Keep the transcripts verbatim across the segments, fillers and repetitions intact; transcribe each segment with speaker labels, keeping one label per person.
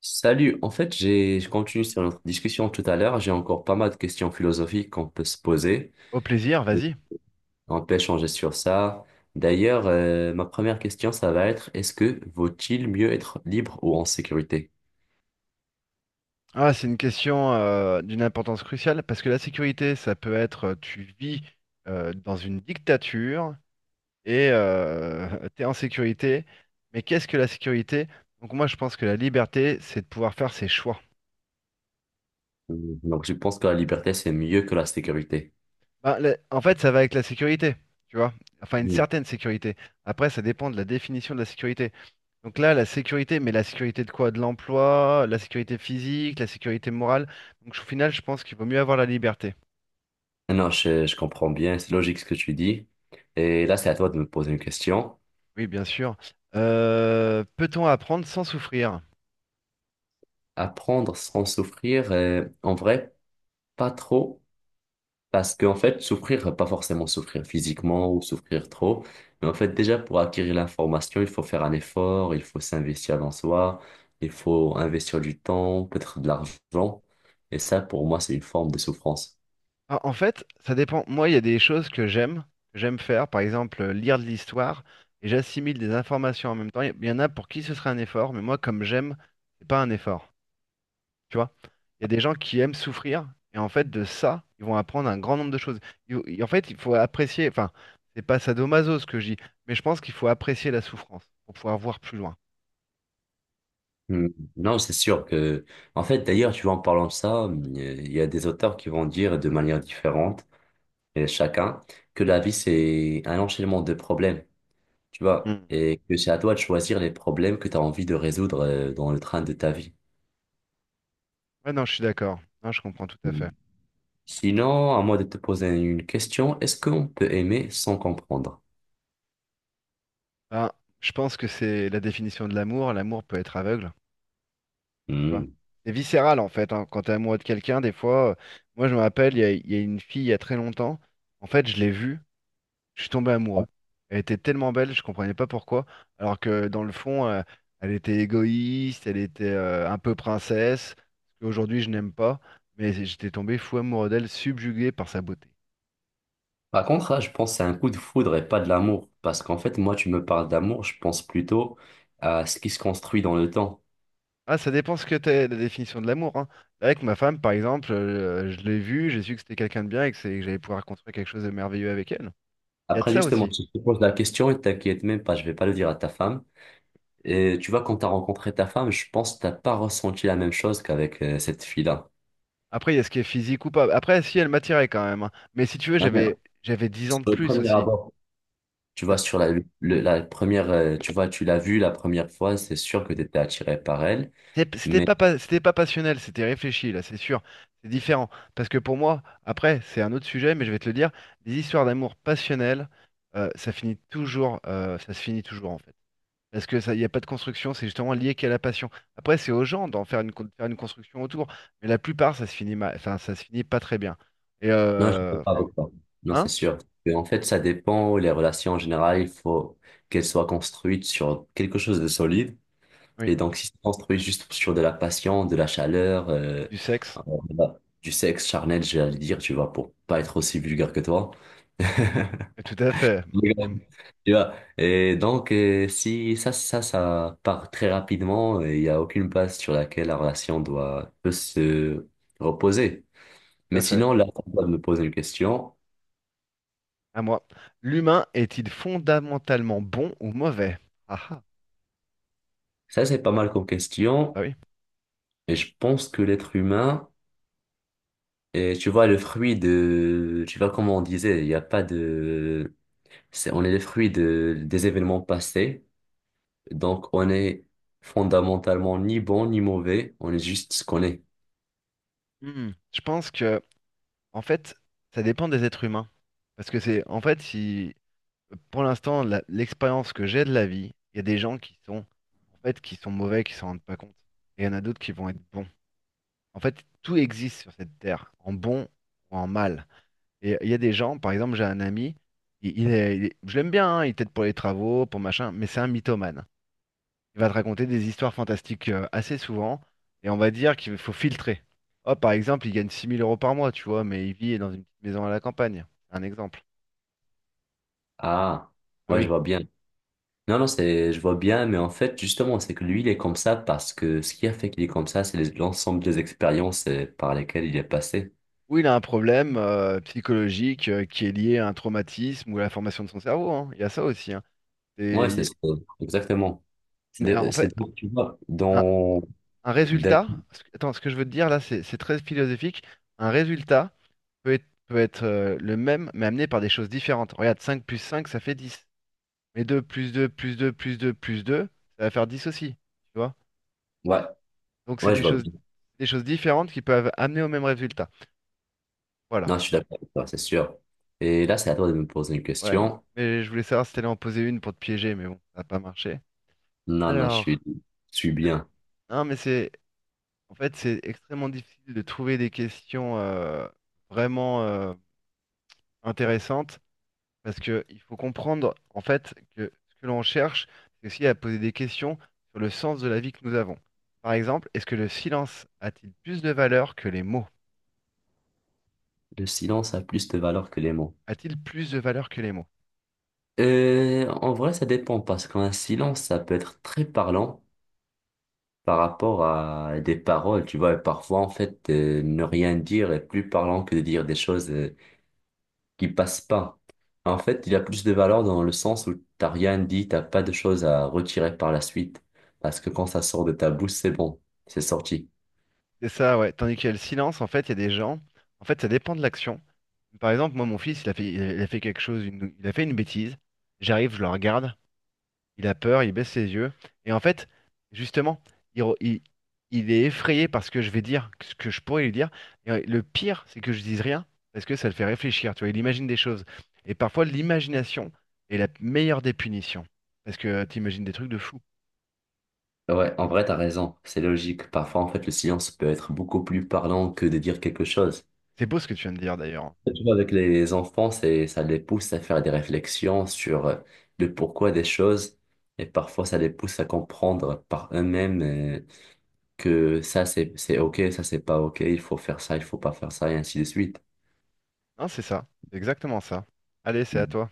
Speaker 1: Salut, en fait, j'ai, je continue sur notre discussion tout à l'heure. J'ai encore pas mal de questions philosophiques qu'on peut se poser.
Speaker 2: Au plaisir, vas-y.
Speaker 1: On peut échanger sur ça. D'ailleurs, euh, ma première question, ça va être, est-ce que vaut-il mieux être libre ou en sécurité?
Speaker 2: Ah, c'est une question euh, d'une importance cruciale parce que la sécurité, ça peut être, euh, tu vis euh, dans une dictature et tu es en sécurité. Mais qu'est-ce que la sécurité? Donc moi, je pense que la liberté, c'est de pouvoir faire ses choix.
Speaker 1: Mm, donc, je pense que la liberté, c'est mieux que la sécurité.
Speaker 2: Ben, la- en fait, ça va avec la sécurité, tu vois. Enfin, une
Speaker 1: Mm.
Speaker 2: certaine sécurité. Après, ça dépend de la définition de la sécurité. Donc là, la sécurité, mais la sécurité de quoi? De l'emploi, la sécurité physique, la sécurité morale. Donc au final, je pense qu'il vaut mieux avoir la liberté.
Speaker 1: Non, je, je comprends bien, c'est logique ce que tu dis. Et là, c'est à toi de me poser une question.
Speaker 2: Oui, bien sûr. Euh, peut-on apprendre sans souffrir?
Speaker 1: Apprendre sans souffrir, euh, en vrai, pas trop. Parce qu'en fait, souffrir, pas forcément souffrir physiquement ou souffrir trop, mais en fait, déjà pour acquérir l'information, il faut faire un effort, il faut s'investir dans soi, il faut investir du temps, peut-être de l'argent. Et ça, pour moi, c'est une forme de souffrance.
Speaker 2: Ah, en fait, ça dépend. Moi, il y a des choses que j'aime, que j'aime faire. Par exemple, euh, lire de l'histoire et j'assimile des informations en même temps. Il y en a pour qui ce serait un effort, mais moi, comme j'aime, c'est pas un effort. Tu vois? Il y a des gens qui aiment souffrir et en fait, de ça, ils vont apprendre un grand nombre de choses. Il- il- en fait, il faut apprécier. Enfin, c'est pas sadomaso ce que je dis, mais je pense qu'il faut apprécier la souffrance pour pouvoir voir plus loin.
Speaker 1: Hmm. Non, c'est sûr que, en fait, d'ailleurs, tu vois, en parlant de ça, il y a des auteurs qui vont dire de manière différente, et chacun, que la vie, c'est un enchaînement de problèmes, tu vois,
Speaker 2: Mm.
Speaker 1: et que c'est à toi de choisir les problèmes que tu as envie de résoudre euh, dans le train de ta vie.
Speaker 2: Ouais, non, je suis d'accord. Non, je comprends tout à fait.
Speaker 1: Sinon, à moi de te poser une question. Est-ce qu'on peut aimer sans comprendre?
Speaker 2: Ben, je pense que c'est la définition de l'amour. L'amour peut être aveugle, tu vois.
Speaker 1: Hmm.
Speaker 2: C'est viscéral en fait, hein. Quand t'es amoureux de quelqu'un, des fois, euh, moi je me rappelle, il y a, il y a une fille il y a très longtemps. En fait, je l'ai vue, je suis tombé amoureux. Elle était tellement belle, je comprenais pas pourquoi. Alors que dans le fond, euh, elle était égoïste, elle était, euh, un peu princesse. Aujourd'hui, je n'aime pas, mais j'étais tombé fou amoureux d'elle, subjugué par sa beauté.
Speaker 1: Par contre, là, je pense que c'est un coup de foudre et pas de l'amour. Parce qu'en fait, moi, tu me parles d'amour, je pense plutôt à ce qui se construit dans le temps.
Speaker 2: Ah, ça dépend ce que t'es, la définition de l'amour, hein. Avec ma femme, par exemple, euh, je l'ai vue, j'ai su que c'était quelqu'un de bien et que, c'est- que j'allais pouvoir construire quelque chose de merveilleux avec elle. Il y a de
Speaker 1: Après,
Speaker 2: ça
Speaker 1: justement,
Speaker 2: aussi.
Speaker 1: si je te pose la question et t'inquiète même pas, je vais pas le dire à ta femme. Et tu vois, quand t'as rencontré ta femme, je pense que t'as pas ressenti la même chose qu'avec euh, cette fille-là.
Speaker 2: Après, il y a ce qui est physique ou pas. Après, si, elle m'attirait quand même, hein. Mais si tu veux,
Speaker 1: Ah, mais
Speaker 2: j'avais j'avais dix ans
Speaker 1: sur
Speaker 2: de
Speaker 1: le
Speaker 2: plus
Speaker 1: premier
Speaker 2: aussi.
Speaker 1: abord, tu vois,
Speaker 2: La-
Speaker 1: sur la, le- la première, euh, tu vois, tu l'as vue la première fois, c'est sûr que tu étais attiré par elle,
Speaker 2: c'est- C'était
Speaker 1: mais...
Speaker 2: pas, pas- c'était pas passionnel, c'était réfléchi, là, c'est sûr. C'est différent. Parce que pour moi, après, c'est un autre sujet, mais je vais te le dire, les histoires d'amour passionnelles, euh, ça finit toujours, euh, ça se finit toujours, en fait. Parce que ça, il n'y a pas de construction, c'est justement lié qu'à la passion. Après, c'est aux gens d'en faire une, con- faire une construction autour, mais la plupart, ça se finit mal, enfin, ça se finit pas très bien. Et
Speaker 1: Non, je ne suis
Speaker 2: euh,
Speaker 1: pas
Speaker 2: enfin,
Speaker 1: avocat. Non, c'est
Speaker 2: hein?
Speaker 1: sûr. Mais en fait, ça dépend. Les relations en général, il faut qu'elles soient construites sur quelque chose de solide.
Speaker 2: Oui,
Speaker 1: Et donc, si c'est construit juste sur de la passion, de la chaleur, euh,
Speaker 2: du sexe.
Speaker 1: euh, voilà, du sexe charnel, j'allais dire, tu vois, pour pas être aussi vulgaire que toi.
Speaker 2: Et tout à fait.
Speaker 1: Mais
Speaker 2: Et
Speaker 1: bon,
Speaker 2: m-
Speaker 1: tu vois. Et donc, euh, si ça, ça, ça part très rapidement, et il n'y a aucune base sur laquelle la relation doit peut se reposer.
Speaker 2: tout
Speaker 1: Mais
Speaker 2: à fait.
Speaker 1: sinon, là, on va me poser une question.
Speaker 2: À moi. L'humain est-il fondamentalement bon ou mauvais? Ah ah,
Speaker 1: Ça, c'est pas mal comme
Speaker 2: bah
Speaker 1: question.
Speaker 2: oui.
Speaker 1: Et je pense que l'être humain est, tu vois, le fruit de, tu vois, comme on disait, il n'y a pas de, c'est, on est le fruit de, des événements passés. Donc, on est fondamentalement ni bon ni mauvais. On est juste ce qu'on est.
Speaker 2: Hmm. Je pense que, en fait, ça dépend des êtres humains. Parce que c'est, en fait, si pour l'instant, la- l'expérience que j'ai de la vie, il y a des gens qui sont, en fait, qui sont mauvais, qui s'en rendent pas compte. Et il y en a d'autres qui vont être bons. En fait, tout existe sur cette terre, en bon ou en mal. Et il y a des gens, par exemple, j'ai un ami, il, il est, il est- je l'aime bien, hein, il t'aide pour les travaux, pour machin, mais c'est un mythomane. Il va te raconter des histoires fantastiques, euh, assez souvent, et on va dire qu'il faut filtrer. Oh, par exemple, il gagne six mille euros par mois, tu vois, mais il vit dans une petite maison à la campagne. C'est un exemple.
Speaker 1: Ah,
Speaker 2: Ah
Speaker 1: ouais, je
Speaker 2: oui.
Speaker 1: vois bien. Non, non, c'est, je vois bien, mais en fait, justement, c'est que lui, il est comme ça parce que ce qui a fait qu'il est comme ça, c'est les- l'ensemble des expériences euh, par lesquelles il est passé.
Speaker 2: Ou il a un problème, euh, psychologique, euh, qui est lié à un traumatisme ou à la formation de son cerveau, hein. Il y a ça aussi, hein. Et
Speaker 1: Ouais, c'est
Speaker 2: il
Speaker 1: ça. Exactement. C'est,
Speaker 2: y en
Speaker 1: de- c'est,
Speaker 2: fait,
Speaker 1: de- tu vois,
Speaker 2: un,
Speaker 1: dans,
Speaker 2: un
Speaker 1: d'un-
Speaker 2: résultat, ce que- attends, ce que je veux te dire là, c'est c'est très philosophique. Un résultat peut être, peut être, euh, le même, mais amené par des choses différentes. Regarde, cinq plus cinq, ça fait dix. Mais deux plus deux plus deux plus deux plus deux, ça va faire dix aussi. Tu vois?
Speaker 1: ouais,
Speaker 2: Donc c'est
Speaker 1: ouais, je
Speaker 2: des
Speaker 1: vois
Speaker 2: choses,
Speaker 1: bien.
Speaker 2: des choses différentes qui peuvent amener au même résultat.
Speaker 1: Non,
Speaker 2: Voilà.
Speaker 1: je suis d'accord avec toi, c'est sûr. Et là, c'est à toi de me poser une
Speaker 2: Ouais,
Speaker 1: question.
Speaker 2: mais je voulais savoir si t'allais en poser une pour te piéger, mais bon, ça n'a pas marché.
Speaker 1: Non, non, je
Speaker 2: Alors,
Speaker 1: suis, je suis
Speaker 2: euh,
Speaker 1: bien.
Speaker 2: non, mais c'est, en fait, c'est extrêmement difficile de trouver des questions, euh, vraiment euh, intéressantes parce que il faut comprendre, en fait, que ce que l'on cherche, c'est aussi à poser des questions sur le sens de la vie que nous avons. Par exemple, est-ce que le silence a-t-il plus de valeur que les mots?
Speaker 1: Le silence a plus de valeur que les mots.
Speaker 2: A-t-il plus de valeur que les mots?
Speaker 1: Euh, en vrai, ça dépend parce qu'un silence, ça peut être très parlant par rapport à des paroles, tu vois. Et parfois, en fait, euh, ne rien dire est plus parlant que de dire des choses euh, qui passent pas. En fait, il y a plus de valeur dans le sens où t'as rien dit, t'as pas de choses à retirer par la suite. Parce que quand ça sort de ta bouche, c'est bon, c'est sorti.
Speaker 2: C'est ça, ouais. Tandis qu'il y a le silence, en fait, il y a des gens, en fait, ça dépend de l'action. Par exemple, moi, mon fils, il a fait, il a fait quelque chose, une- il a fait une bêtise. J'arrive, je le regarde. Il a peur, il baisse ses yeux. Et en fait, justement, il, re- il- il est effrayé par ce que je vais dire, ce que je pourrais lui dire. Et euh, le pire, c'est que je dise rien, parce que ça le fait réfléchir, tu vois, il imagine des choses. Et parfois, l'imagination est la meilleure des punitions, parce que tu imagines des trucs de fou.
Speaker 1: Ouais, en vrai, t'as raison, c'est logique. Parfois, en fait, le silence peut être beaucoup plus parlant que de dire quelque chose.
Speaker 2: C'est beau ce que tu viens de dire d'ailleurs.
Speaker 1: Et tu vois, avec les enfants, c'est, ça les pousse à faire des réflexions sur euh, le pourquoi des choses, et parfois, ça les pousse à comprendre par eux-mêmes euh, que ça, c'est, c'est OK, ça, c'est pas OK, il faut faire ça, il faut pas faire ça, et ainsi de suite.
Speaker 2: Hein, c'est ça, c'est exactement ça. Allez, c'est à
Speaker 1: Mm.
Speaker 2: toi.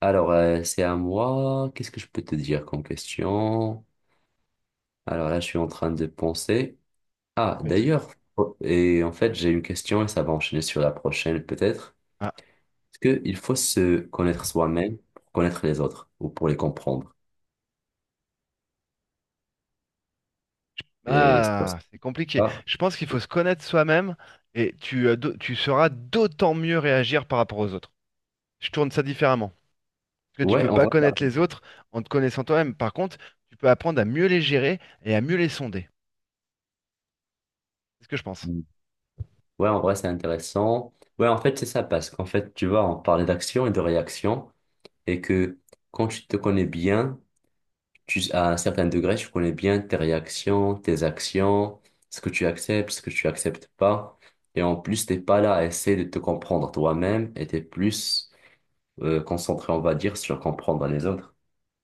Speaker 1: Alors, euh, c'est à moi, qu'est-ce que je peux te dire comme question? Alors là, je suis en train de penser. Ah,
Speaker 2: Pas de souci.
Speaker 1: d'ailleurs, oh, et en fait, j'ai une question et ça va enchaîner sur la prochaine peut-être.
Speaker 2: Ah,
Speaker 1: Est-ce qu'il faut se connaître soi-même pour connaître les autres ou pour les comprendre? Et c'est pour
Speaker 2: ah, c'est compliqué.
Speaker 1: ça.
Speaker 2: Je pense qu'il faut se connaître soi-même et tu, euh, d'au- tu sauras d'autant mieux réagir par rapport aux autres. Je tourne ça différemment. Parce que tu peux
Speaker 1: Ouais, en
Speaker 2: pas
Speaker 1: vrai, t'as
Speaker 2: connaître les
Speaker 1: raison.
Speaker 2: autres en te connaissant toi-même. Par contre, tu peux apprendre à mieux les gérer et à mieux les sonder. C'est ce que je pense.
Speaker 1: Mm. Ouais, en vrai, c'est intéressant. Ouais, en fait, c'est ça parce qu'en fait, tu vois, on parlait d'action et de réaction et que quand tu te connais bien, tu- à un certain degré, tu connais bien tes réactions, tes actions, ce que tu acceptes, ce que tu acceptes pas. Et en plus, t'es pas là à essayer de te comprendre toi-même et t'es plus euh, concentré, on va dire, sur comprendre les autres.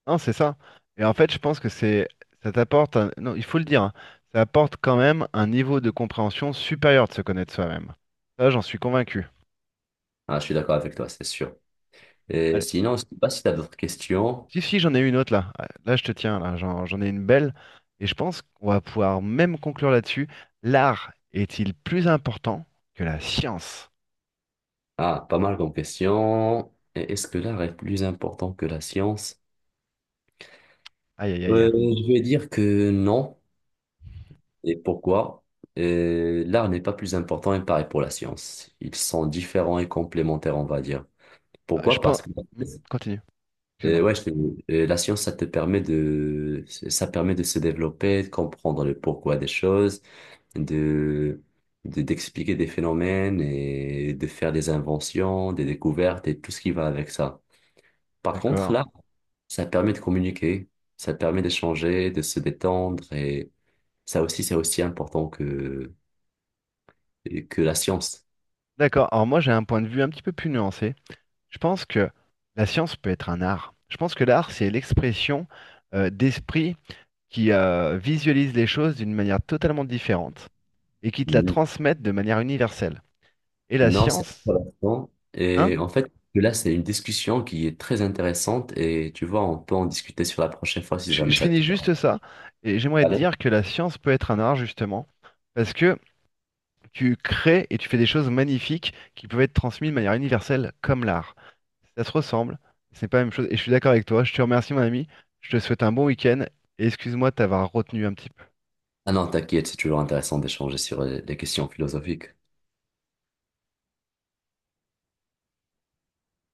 Speaker 2: Non, c'est ça. Et en fait, je pense que c'est, ça t'apporte un- non, il faut le dire, hein, ça apporte quand même un niveau de compréhension supérieur de se connaître soi-même. Ça, j'en suis convaincu.
Speaker 1: Ah, je suis d'accord avec toi, c'est sûr. Et
Speaker 2: Allez.
Speaker 1: sinon, je sais pas si tu as d'autres questions.
Speaker 2: Si, si, j'en ai une autre là. Ah, là, je te tiens, là, j'en, j'en ai une belle. Et je pense qu'on va pouvoir même conclure là-dessus. L'art est-il plus important que la science?
Speaker 1: Ah, pas mal comme questions. Et est-ce que l'art est plus important que la science?
Speaker 2: Aïe, aïe,
Speaker 1: Euh,
Speaker 2: aïe.
Speaker 1: je vais dire que non. Et pourquoi? Euh, l'art n'est pas plus important, et pareil pour la science. Ils sont différents et complémentaires, on va dire.
Speaker 2: Ah, je
Speaker 1: Pourquoi?
Speaker 2: pense.
Speaker 1: Parce que
Speaker 2: Hmm, continue.
Speaker 1: euh,
Speaker 2: Excuse-moi.
Speaker 1: ouais, je t'ai dit, euh, la science, ça te permet de, ça permet de se développer, de comprendre le pourquoi des choses, de, de- d'expliquer des phénomènes et de faire des inventions, des découvertes et tout ce qui va avec ça. Par contre,
Speaker 2: D'accord.
Speaker 1: l'art, ça permet de communiquer, ça permet d'échanger, de se détendre et ça aussi, c'est aussi important que la science.
Speaker 2: D'accord. Alors moi, j'ai un point de vue un petit peu plus nuancé. Je pense que la science peut être un art. Je pense que l'art, c'est l'expression, euh, d'esprit qui, euh, visualise les choses d'une manière totalement différente et qui te la
Speaker 1: Mm.
Speaker 2: transmettent de manière universelle. Et la
Speaker 1: Non, c'est
Speaker 2: science,
Speaker 1: intéressant.
Speaker 2: hein?
Speaker 1: Et en fait, là, c'est une discussion qui est très intéressante et tu vois, on peut en discuter sur la prochaine fois si
Speaker 2: Je,
Speaker 1: jamais
Speaker 2: je
Speaker 1: ça
Speaker 2: finis
Speaker 1: te va.
Speaker 2: juste ça. Et j'aimerais te
Speaker 1: Allez.
Speaker 2: dire que la science peut être un art, justement, parce que tu crées et tu fais des choses magnifiques qui peuvent être transmises de manière universelle comme l'art. Ça se ressemble, c'est pas la même chose. Et je suis d'accord avec toi. Je te remercie, mon ami. Je te souhaite un bon week-end. Et excuse-moi de t'avoir retenu un petit peu.
Speaker 1: Ah non, t'inquiète, c'est toujours intéressant d'échanger sur euh, les questions philosophiques.